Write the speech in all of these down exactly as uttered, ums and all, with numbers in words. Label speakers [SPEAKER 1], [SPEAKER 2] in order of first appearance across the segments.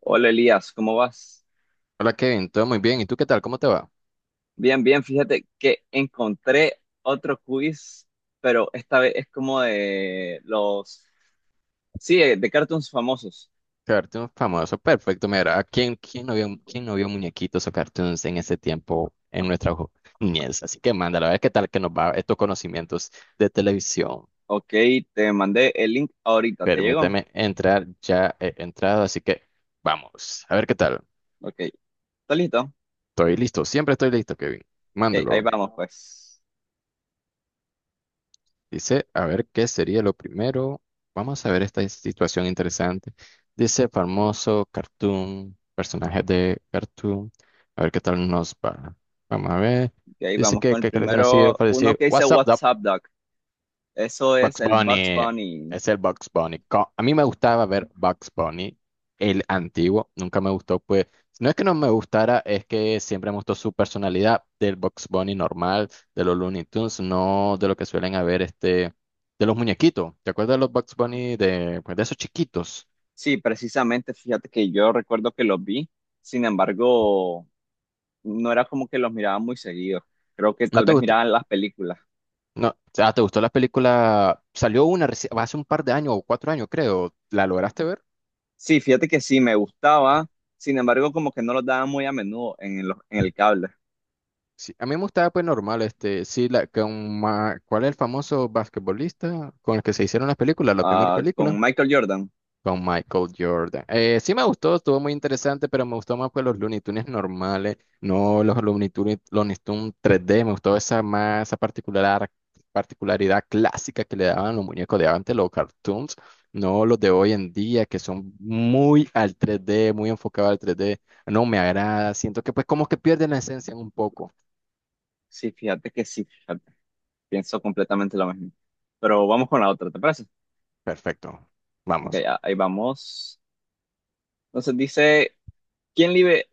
[SPEAKER 1] Hola Elías, ¿cómo vas?
[SPEAKER 2] Hola Kevin, todo muy bien. ¿Y tú qué tal? ¿Cómo te va?
[SPEAKER 1] Bien, bien, fíjate que encontré otro quiz, pero esta vez es como de los, sí, eh, de cartoons famosos.
[SPEAKER 2] Cartoon famoso, perfecto. Mira, ¿a quién, quién no vio, quién no vio muñequitos o cartoons en ese tiempo en nuestra ju- niñez? Así que mándalo, a ver qué tal que nos va estos conocimientos de televisión.
[SPEAKER 1] Ok, te mandé el link ahorita, ¿te llegó?
[SPEAKER 2] Permíteme entrar, ya he entrado, así que vamos, a ver qué tal.
[SPEAKER 1] Ok, ¿está listo?
[SPEAKER 2] Estoy listo, siempre estoy listo, Kevin.
[SPEAKER 1] Ok, ahí
[SPEAKER 2] Mándalo.
[SPEAKER 1] vamos pues.
[SPEAKER 2] Dice, a ver, ¿qué sería lo primero? Vamos a ver esta situación interesante. Dice, famoso cartoon, personaje de cartoon. A ver qué tal nos va. Vamos a ver.
[SPEAKER 1] Ok, ahí
[SPEAKER 2] Dice
[SPEAKER 1] vamos
[SPEAKER 2] que,
[SPEAKER 1] con el
[SPEAKER 2] que cartoon así
[SPEAKER 1] primero, uno
[SPEAKER 2] parece,
[SPEAKER 1] que dice
[SPEAKER 2] What's up,
[SPEAKER 1] What's
[SPEAKER 2] Doc?
[SPEAKER 1] Up, Doc. Eso es
[SPEAKER 2] Bugs
[SPEAKER 1] el Bugs
[SPEAKER 2] Bunny
[SPEAKER 1] Bunny.
[SPEAKER 2] es el Bugs Bunny. Co- A mí me gustaba ver Bugs Bunny, el antiguo. Nunca me gustó, pues. No es que no me gustara, es que siempre me gustó su personalidad del Bugs Bunny normal, de los Looney Tunes, no de lo que suelen haber este, de los muñequitos. ¿Te acuerdas de los Bugs Bunny de, pues, de esos chiquitos?
[SPEAKER 1] Sí, precisamente, fíjate que yo recuerdo que los vi, sin embargo, no era como que los miraba muy seguido. Creo que
[SPEAKER 2] ¿No
[SPEAKER 1] tal
[SPEAKER 2] te
[SPEAKER 1] vez
[SPEAKER 2] gustó?
[SPEAKER 1] miraban las películas.
[SPEAKER 2] No, o sea, ¿te gustó la película? Salió una reci- hace un par de años o cuatro años, creo. ¿La lograste ver?
[SPEAKER 1] Sí, fíjate que sí, me gustaba, sin embargo, como que no los daban muy a menudo en los- en el cable.
[SPEAKER 2] Sí, a mí me gustaba pues normal, este, sí, la, con Ma- ¿cuál es el famoso basquetbolista con el que se hicieron las películas, la primera
[SPEAKER 1] Ah, con
[SPEAKER 2] película?
[SPEAKER 1] Michael Jordan,
[SPEAKER 2] Con Michael Jordan. Eh, sí me gustó, estuvo muy interesante, pero me gustó más pues los Looney Tunes normales, no los Looney Tunes, Looney Tunes tres D, me gustó esa más, esa particular, particularidad clásica que le daban los muñecos de antes, los cartoons, no los de hoy en día, que son muy al tres D, muy enfocados al tres D, no me agrada, siento que pues como que pierden la esencia un poco.
[SPEAKER 1] sí, fíjate que sí, fíjate, pienso completamente lo mismo. Pero vamos con la otra, ¿te parece?
[SPEAKER 2] Perfecto.
[SPEAKER 1] Ok,
[SPEAKER 2] Vamos.
[SPEAKER 1] a- ahí vamos. Entonces dice, ¿quién vive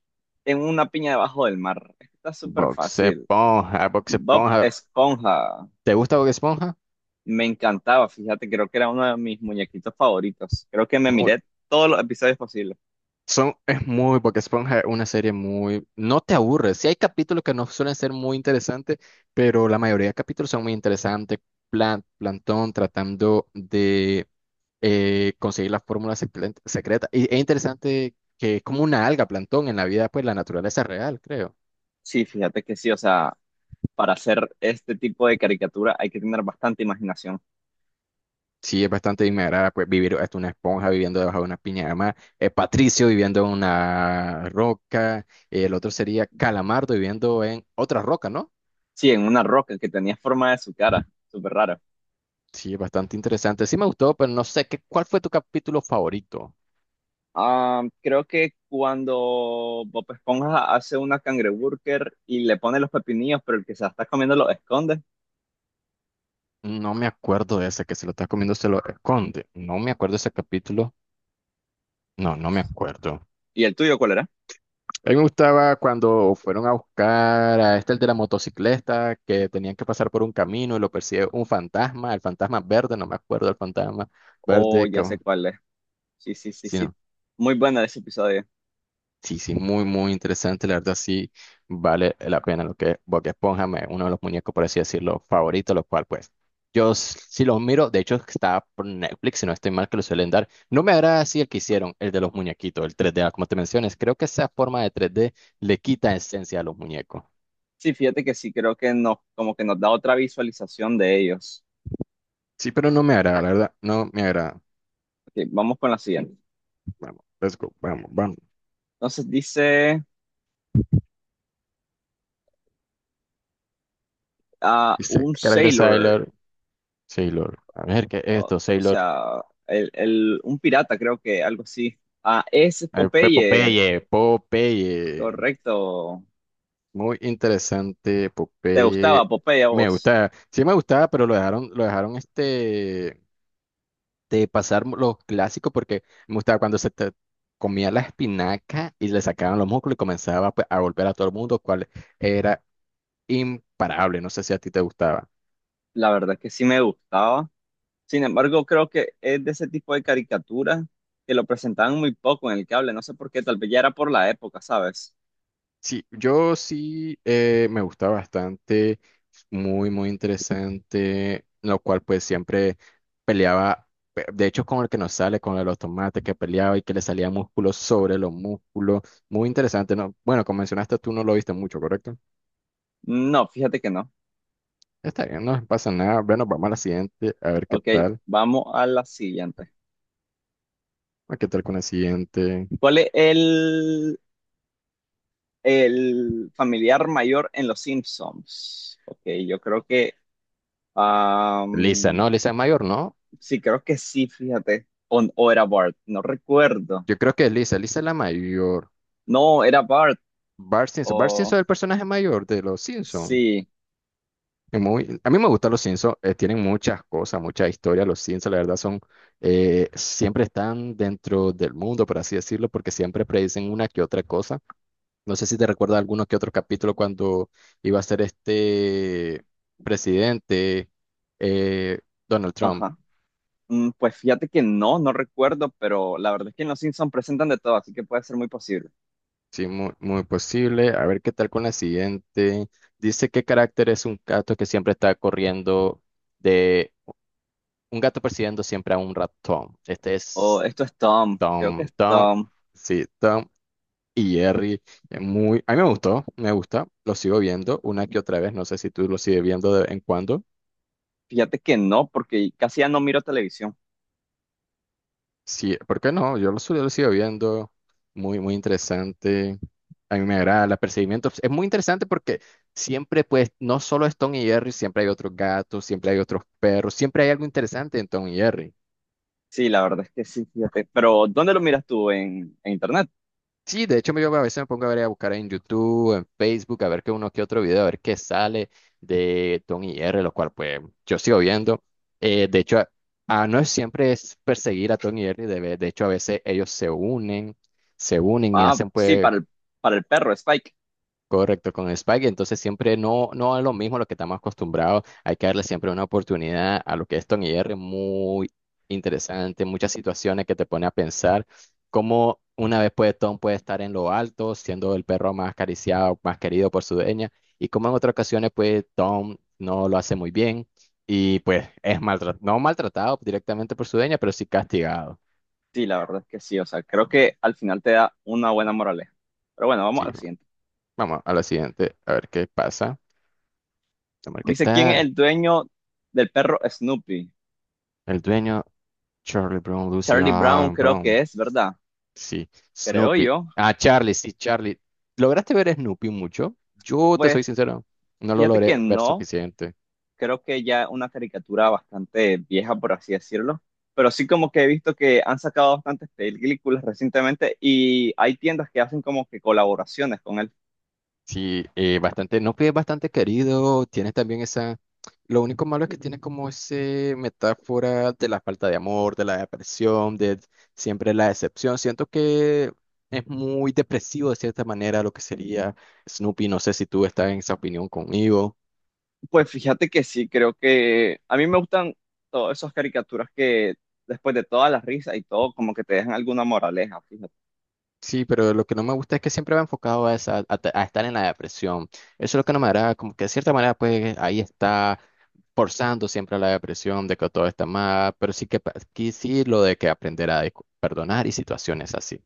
[SPEAKER 1] en una piña debajo del mar? Está súper
[SPEAKER 2] Bob
[SPEAKER 1] fácil.
[SPEAKER 2] Esponja, Bob
[SPEAKER 1] Bob
[SPEAKER 2] Esponja.
[SPEAKER 1] Esponja.
[SPEAKER 2] ¿Te gusta Bob Esponja?
[SPEAKER 1] Me encantaba, fíjate, creo que era uno de mis muñequitos favoritos. Creo que me
[SPEAKER 2] Muy,
[SPEAKER 1] miré todos los episodios posibles.
[SPEAKER 2] son, es muy, Bob Esponja es una serie muy. No te aburres. Sí hay capítulos que no suelen ser muy interesantes, pero la mayoría de capítulos son muy interesantes. Plan, Plantón tratando de eh, conseguir la fórmula secre- secreta. Y es interesante que es como una alga, Plantón, en la vida, pues la naturaleza real, creo.
[SPEAKER 1] Sí, fíjate que sí, o sea, para hacer este tipo de caricatura hay que tener bastante imaginación.
[SPEAKER 2] Sí, es bastante inmadera, pues vivir hasta una esponja viviendo debajo de una piña de mar, eh, Patricio viviendo en una roca, el otro sería Calamardo viviendo en otra roca, ¿no?
[SPEAKER 1] Sí, en una roca que tenía forma de su cara, súper rara.
[SPEAKER 2] Sí, es bastante interesante. Sí me gustó, pero no sé qué, ¿cuál fue tu capítulo favorito?
[SPEAKER 1] Ah, creo que cuando Bob Esponja hace una cangreburger y le pone los pepinillos, pero el que se la está comiendo los esconde.
[SPEAKER 2] No me acuerdo de ese que se lo está comiendo, se lo esconde. No me acuerdo de ese capítulo. No, no me acuerdo.
[SPEAKER 1] ¿Y el tuyo cuál era?
[SPEAKER 2] A mí me gustaba cuando fueron a buscar a este, el de la motocicleta, que tenían que pasar por un camino y lo persigue un fantasma, el fantasma verde, no me acuerdo el fantasma
[SPEAKER 1] Oh,
[SPEAKER 2] verde, que,
[SPEAKER 1] ya sé cuál es. Sí, sí, sí,
[SPEAKER 2] sí,
[SPEAKER 1] sí.
[SPEAKER 2] no,
[SPEAKER 1] Muy bueno ese episodio.
[SPEAKER 2] sí, sí, muy, muy interesante, la verdad sí vale la pena lo que es Bob Esponja, me- uno de los muñecos, por así decirlo, favoritos, lo cual pues yo s- sí los miro, de hecho está por Netflix, si no estoy mal que lo suelen dar, no me agrada así el que hicieron, el de los muñequitos, el tres D, ah, como te mencionas, creo que esa forma de tres D le quita esencia a los muñecos.
[SPEAKER 1] Sí, fíjate que sí, creo que nos, como que nos da otra visualización de ellos.
[SPEAKER 2] Sí, pero no me agrada, la verdad. No me agrada.
[SPEAKER 1] Ok, vamos con la siguiente.
[SPEAKER 2] Vamos, let's go. Vamos, vamos.
[SPEAKER 1] Entonces dice ah,
[SPEAKER 2] Dice,
[SPEAKER 1] un
[SPEAKER 2] carácter
[SPEAKER 1] sailor,
[SPEAKER 2] Sailor, Sailor. A ver, ¿qué es
[SPEAKER 1] o,
[SPEAKER 2] esto?
[SPEAKER 1] o
[SPEAKER 2] Sailor.
[SPEAKER 1] sea, el, el- un pirata, creo que algo así. Ah, es
[SPEAKER 2] A ver, Pe-
[SPEAKER 1] Popeye,
[SPEAKER 2] Popeye, Popeye.
[SPEAKER 1] correcto.
[SPEAKER 2] Muy interesante,
[SPEAKER 1] ¿Te
[SPEAKER 2] Popeye.
[SPEAKER 1] gustaba Popeye a
[SPEAKER 2] Me
[SPEAKER 1] vos?
[SPEAKER 2] gusta. Sí me gustaba, pero lo dejaron, lo dejaron este de pasar los clásicos porque me gustaba cuando se te- comía la espinaca y le sacaban los músculos y comenzaba pues, a golpear a todo el mundo, cual era imparable. No sé si a ti te gustaba.
[SPEAKER 1] La verdad es que sí me gustaba. Sin embargo, creo que es de ese tipo de caricatura que lo presentaban muy poco en el cable. No sé por qué, tal vez ya era por la época, ¿sabes?
[SPEAKER 2] Sí, yo sí eh, me gusta bastante, muy, muy interesante, lo cual pues siempre peleaba, pe- de hecho con el que nos sale, con el de los tomates que peleaba y que le salía músculo sobre los músculos, muy interesante, ¿no? Bueno, como mencionaste tú no lo viste mucho, ¿correcto?
[SPEAKER 1] No, fíjate que no.
[SPEAKER 2] Está bien, no pasa nada, bueno, vamos a la siguiente, a ver qué
[SPEAKER 1] Ok,
[SPEAKER 2] tal,
[SPEAKER 1] vamos a la siguiente.
[SPEAKER 2] a qué tal con la siguiente.
[SPEAKER 1] ¿Cuál es el, el familiar mayor en Los Simpsons? Ok, yo creo que...
[SPEAKER 2] Lisa,
[SPEAKER 1] am,
[SPEAKER 2] no, Lisa es mayor, ¿no?
[SPEAKER 1] sí, creo que sí, fíjate. O, o era Bart, no recuerdo.
[SPEAKER 2] Yo creo que es Lisa, Lisa es la mayor.
[SPEAKER 1] No, era Bart.
[SPEAKER 2] Bart Simpson, Bart
[SPEAKER 1] O
[SPEAKER 2] Simpson es el personaje mayor de los Simpsons.
[SPEAKER 1] sí,
[SPEAKER 2] Es Muy- a mí me gustan los Simpsons, eh, tienen muchas cosas, muchas historias. Los Simpsons, la verdad, son eh, siempre están dentro del mundo, por así decirlo, porque siempre predicen una que otra cosa. No sé si te recuerdas alguno que otro capítulo cuando iba a ser este presidente eh, Donald Trump.
[SPEAKER 1] ajá. Mm, pues fíjate que no, no recuerdo, pero la verdad es que en Los Simpsons presentan de todo, así que puede ser muy posible.
[SPEAKER 2] Sí, muy, muy posible. A ver qué tal con la siguiente. Dice qué carácter es un gato que siempre está corriendo de un gato persiguiendo siempre a un ratón. Este
[SPEAKER 1] O
[SPEAKER 2] es.
[SPEAKER 1] esto es Tom, creo que
[SPEAKER 2] Tom,
[SPEAKER 1] es
[SPEAKER 2] Tom,
[SPEAKER 1] Tom.
[SPEAKER 2] sí, Tom y Jerry. Eh, Muy, a mí me gustó, me gusta, lo sigo viendo una que otra vez, no sé si tú lo sigues viendo de vez en cuando.
[SPEAKER 1] Fíjate que no, porque casi ya no miro televisión.
[SPEAKER 2] Sí, ¿por qué no? Yo lo, su- lo sigo viendo, muy, muy interesante. A mí me agrada, el perseguimientos. Es muy interesante porque siempre, pues, no solo es Tom y Jerry, siempre hay otros gatos, siempre hay otros perros, siempre hay algo interesante en Tom y Jerry.
[SPEAKER 1] Sí, la verdad es que sí, fíjate. Pero, ¿dónde lo miras tú? ¿En, en internet?
[SPEAKER 2] Sí, de hecho yo a veces me pongo a ver a buscar en YouTube, en Facebook, a ver qué uno que otro video, a ver qué sale de Tom y R, lo cual pues yo sigo viendo. Eh, de hecho, a- a- no es siempre es perseguir a Tom y R, de, ve- de hecho a veces ellos se unen, se unen, y
[SPEAKER 1] Ah,
[SPEAKER 2] hacen
[SPEAKER 1] sí,
[SPEAKER 2] pues.
[SPEAKER 1] para el, para el perro, Spike.
[SPEAKER 2] Correcto, con Spike, entonces siempre no, no es lo mismo a lo que estamos acostumbrados, hay que darle siempre una oportunidad a lo que es Tony R, muy interesante, muchas situaciones que te pone a pensar cómo una vez puede Tom puede estar en lo alto, siendo el perro más acariciado, más querido por su dueña, y cómo en otras ocasiones pues Tom no lo hace muy bien y pues es maltratado, no maltratado directamente por su dueña, pero sí castigado.
[SPEAKER 1] Sí, la verdad es que sí. O sea, creo que al final te da una buena moraleja. Pero bueno, vamos a
[SPEAKER 2] Sí,
[SPEAKER 1] la siguiente.
[SPEAKER 2] vamos a la siguiente, a ver qué pasa. Vamos a ver qué
[SPEAKER 1] Dice, ¿quién es
[SPEAKER 2] tal.
[SPEAKER 1] el dueño del perro Snoopy?
[SPEAKER 2] El dueño, Charlie Brown, Lucy,
[SPEAKER 1] Charlie Brown
[SPEAKER 2] ah,
[SPEAKER 1] creo que
[SPEAKER 2] Brown,
[SPEAKER 1] es, ¿verdad?
[SPEAKER 2] sí,
[SPEAKER 1] Creo
[SPEAKER 2] Snoopy.
[SPEAKER 1] yo.
[SPEAKER 2] Ah, Charlie, sí, Charlie. ¿Lograste ver Snoopy mucho? Yo te
[SPEAKER 1] Pues,
[SPEAKER 2] soy sincero, no lo
[SPEAKER 1] fíjate que
[SPEAKER 2] logré ver
[SPEAKER 1] no.
[SPEAKER 2] suficiente.
[SPEAKER 1] Creo que ya es una caricatura bastante vieja, por así decirlo. Pero sí como que he visto que han sacado bastantes películas recientemente y hay tiendas que hacen como que colaboraciones con él.
[SPEAKER 2] Sí, eh, bastante, Snoopy es bastante querido, tiene también esa. Lo único malo es que tiene como ese metáfora de la falta de amor, de la depresión, de siempre la decepción. Siento que es muy depresivo de cierta manera lo que sería Snoopy. No sé si tú estás en esa opinión conmigo.
[SPEAKER 1] Pues fíjate que sí, creo que a mí me gustan todas esas caricaturas que después de todas las risas y todo, como que te dejan alguna moraleja, fíjate.
[SPEAKER 2] Sí, pero lo que no me gusta es que siempre va enfocado a, esa, a, ta- a estar en la depresión. Eso es lo que no me agrada, como que de cierta manera, pues ahí está forzando siempre a la depresión de que todo está mal, pero sí que pa- aquí sí lo de que aprender a discu- perdonar y situaciones así.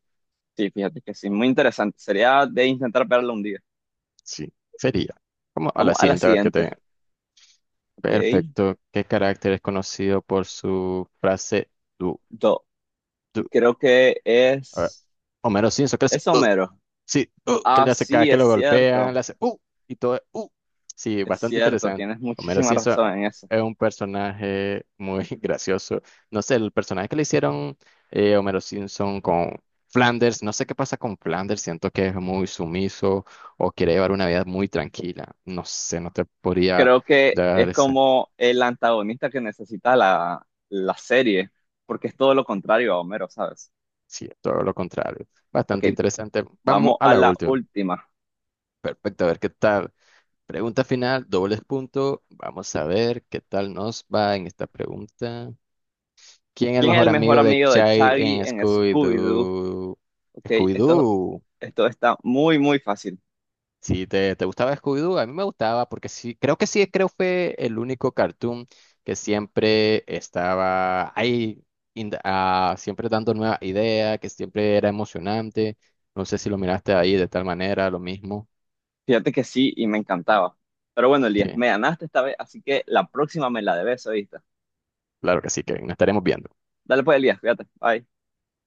[SPEAKER 1] Sí, fíjate que sí, muy interesante. Sería de intentar verlo un día.
[SPEAKER 2] Sí, sería. Como a la
[SPEAKER 1] Vamos a la
[SPEAKER 2] siguiente, a ver qué te.
[SPEAKER 1] siguiente, ¿ok?
[SPEAKER 2] Perfecto. ¿Qué carácter es conocido por su frase du,
[SPEAKER 1] Do-
[SPEAKER 2] du?
[SPEAKER 1] creo que
[SPEAKER 2] A ver.
[SPEAKER 1] es,
[SPEAKER 2] Homero Simpson, ¿qué es?
[SPEAKER 1] es Homero.
[SPEAKER 2] Sí, uh, que
[SPEAKER 1] Ah,
[SPEAKER 2] le hace cada
[SPEAKER 1] sí,
[SPEAKER 2] que
[SPEAKER 1] es
[SPEAKER 2] lo golpean,
[SPEAKER 1] cierto,
[SPEAKER 2] le hace uh, y todo, uh. Sí,
[SPEAKER 1] es
[SPEAKER 2] bastante
[SPEAKER 1] cierto,
[SPEAKER 2] interesante.
[SPEAKER 1] tienes
[SPEAKER 2] Homero
[SPEAKER 1] muchísima
[SPEAKER 2] Simpson
[SPEAKER 1] razón
[SPEAKER 2] ah,
[SPEAKER 1] en eso.
[SPEAKER 2] es un personaje muy gracioso. No sé, el personaje que le hicieron eh, Homero Simpson con Flanders, no sé qué pasa con Flanders, siento que es muy sumiso o quiere llevar una vida muy tranquila. No sé, no te podría
[SPEAKER 1] Creo que
[SPEAKER 2] dar
[SPEAKER 1] es
[SPEAKER 2] ese.
[SPEAKER 1] como el antagonista que necesita la, la serie, porque es todo lo contrario a Homero, ¿sabes?
[SPEAKER 2] Sí, todo lo contrario.
[SPEAKER 1] Ok,
[SPEAKER 2] Bastante interesante. Vamos
[SPEAKER 1] vamos
[SPEAKER 2] a
[SPEAKER 1] a
[SPEAKER 2] la
[SPEAKER 1] la
[SPEAKER 2] última.
[SPEAKER 1] última.
[SPEAKER 2] Perfecto, a ver qué tal. Pregunta final, dobles puntos. Vamos a ver qué tal nos va en esta pregunta. ¿Quién es el
[SPEAKER 1] ¿Quién es
[SPEAKER 2] mejor
[SPEAKER 1] el mejor
[SPEAKER 2] amigo de
[SPEAKER 1] amigo de
[SPEAKER 2] Chai
[SPEAKER 1] Shaggy
[SPEAKER 2] en
[SPEAKER 1] en Scooby-Doo?
[SPEAKER 2] Scooby-Doo?
[SPEAKER 1] Ok, esto,
[SPEAKER 2] Scooby-Doo.
[SPEAKER 1] esto está muy, muy fácil.
[SPEAKER 2] Si te, te gustaba Scooby-Doo, a mí me gustaba porque sí, creo que sí, creo fue el único cartoon que siempre estaba ahí, in the- ah, siempre dando nuevas ideas, que siempre era emocionante. No sé si lo miraste ahí de tal manera, lo mismo.
[SPEAKER 1] Fíjate que sí y me encantaba. Pero bueno, Elías,
[SPEAKER 2] Sí,
[SPEAKER 1] me ganaste esta vez, así que la próxima me la debes, ¿oíste?
[SPEAKER 2] claro que sí, que nos estaremos viendo.
[SPEAKER 1] Dale pues, Elías, fíjate. Bye.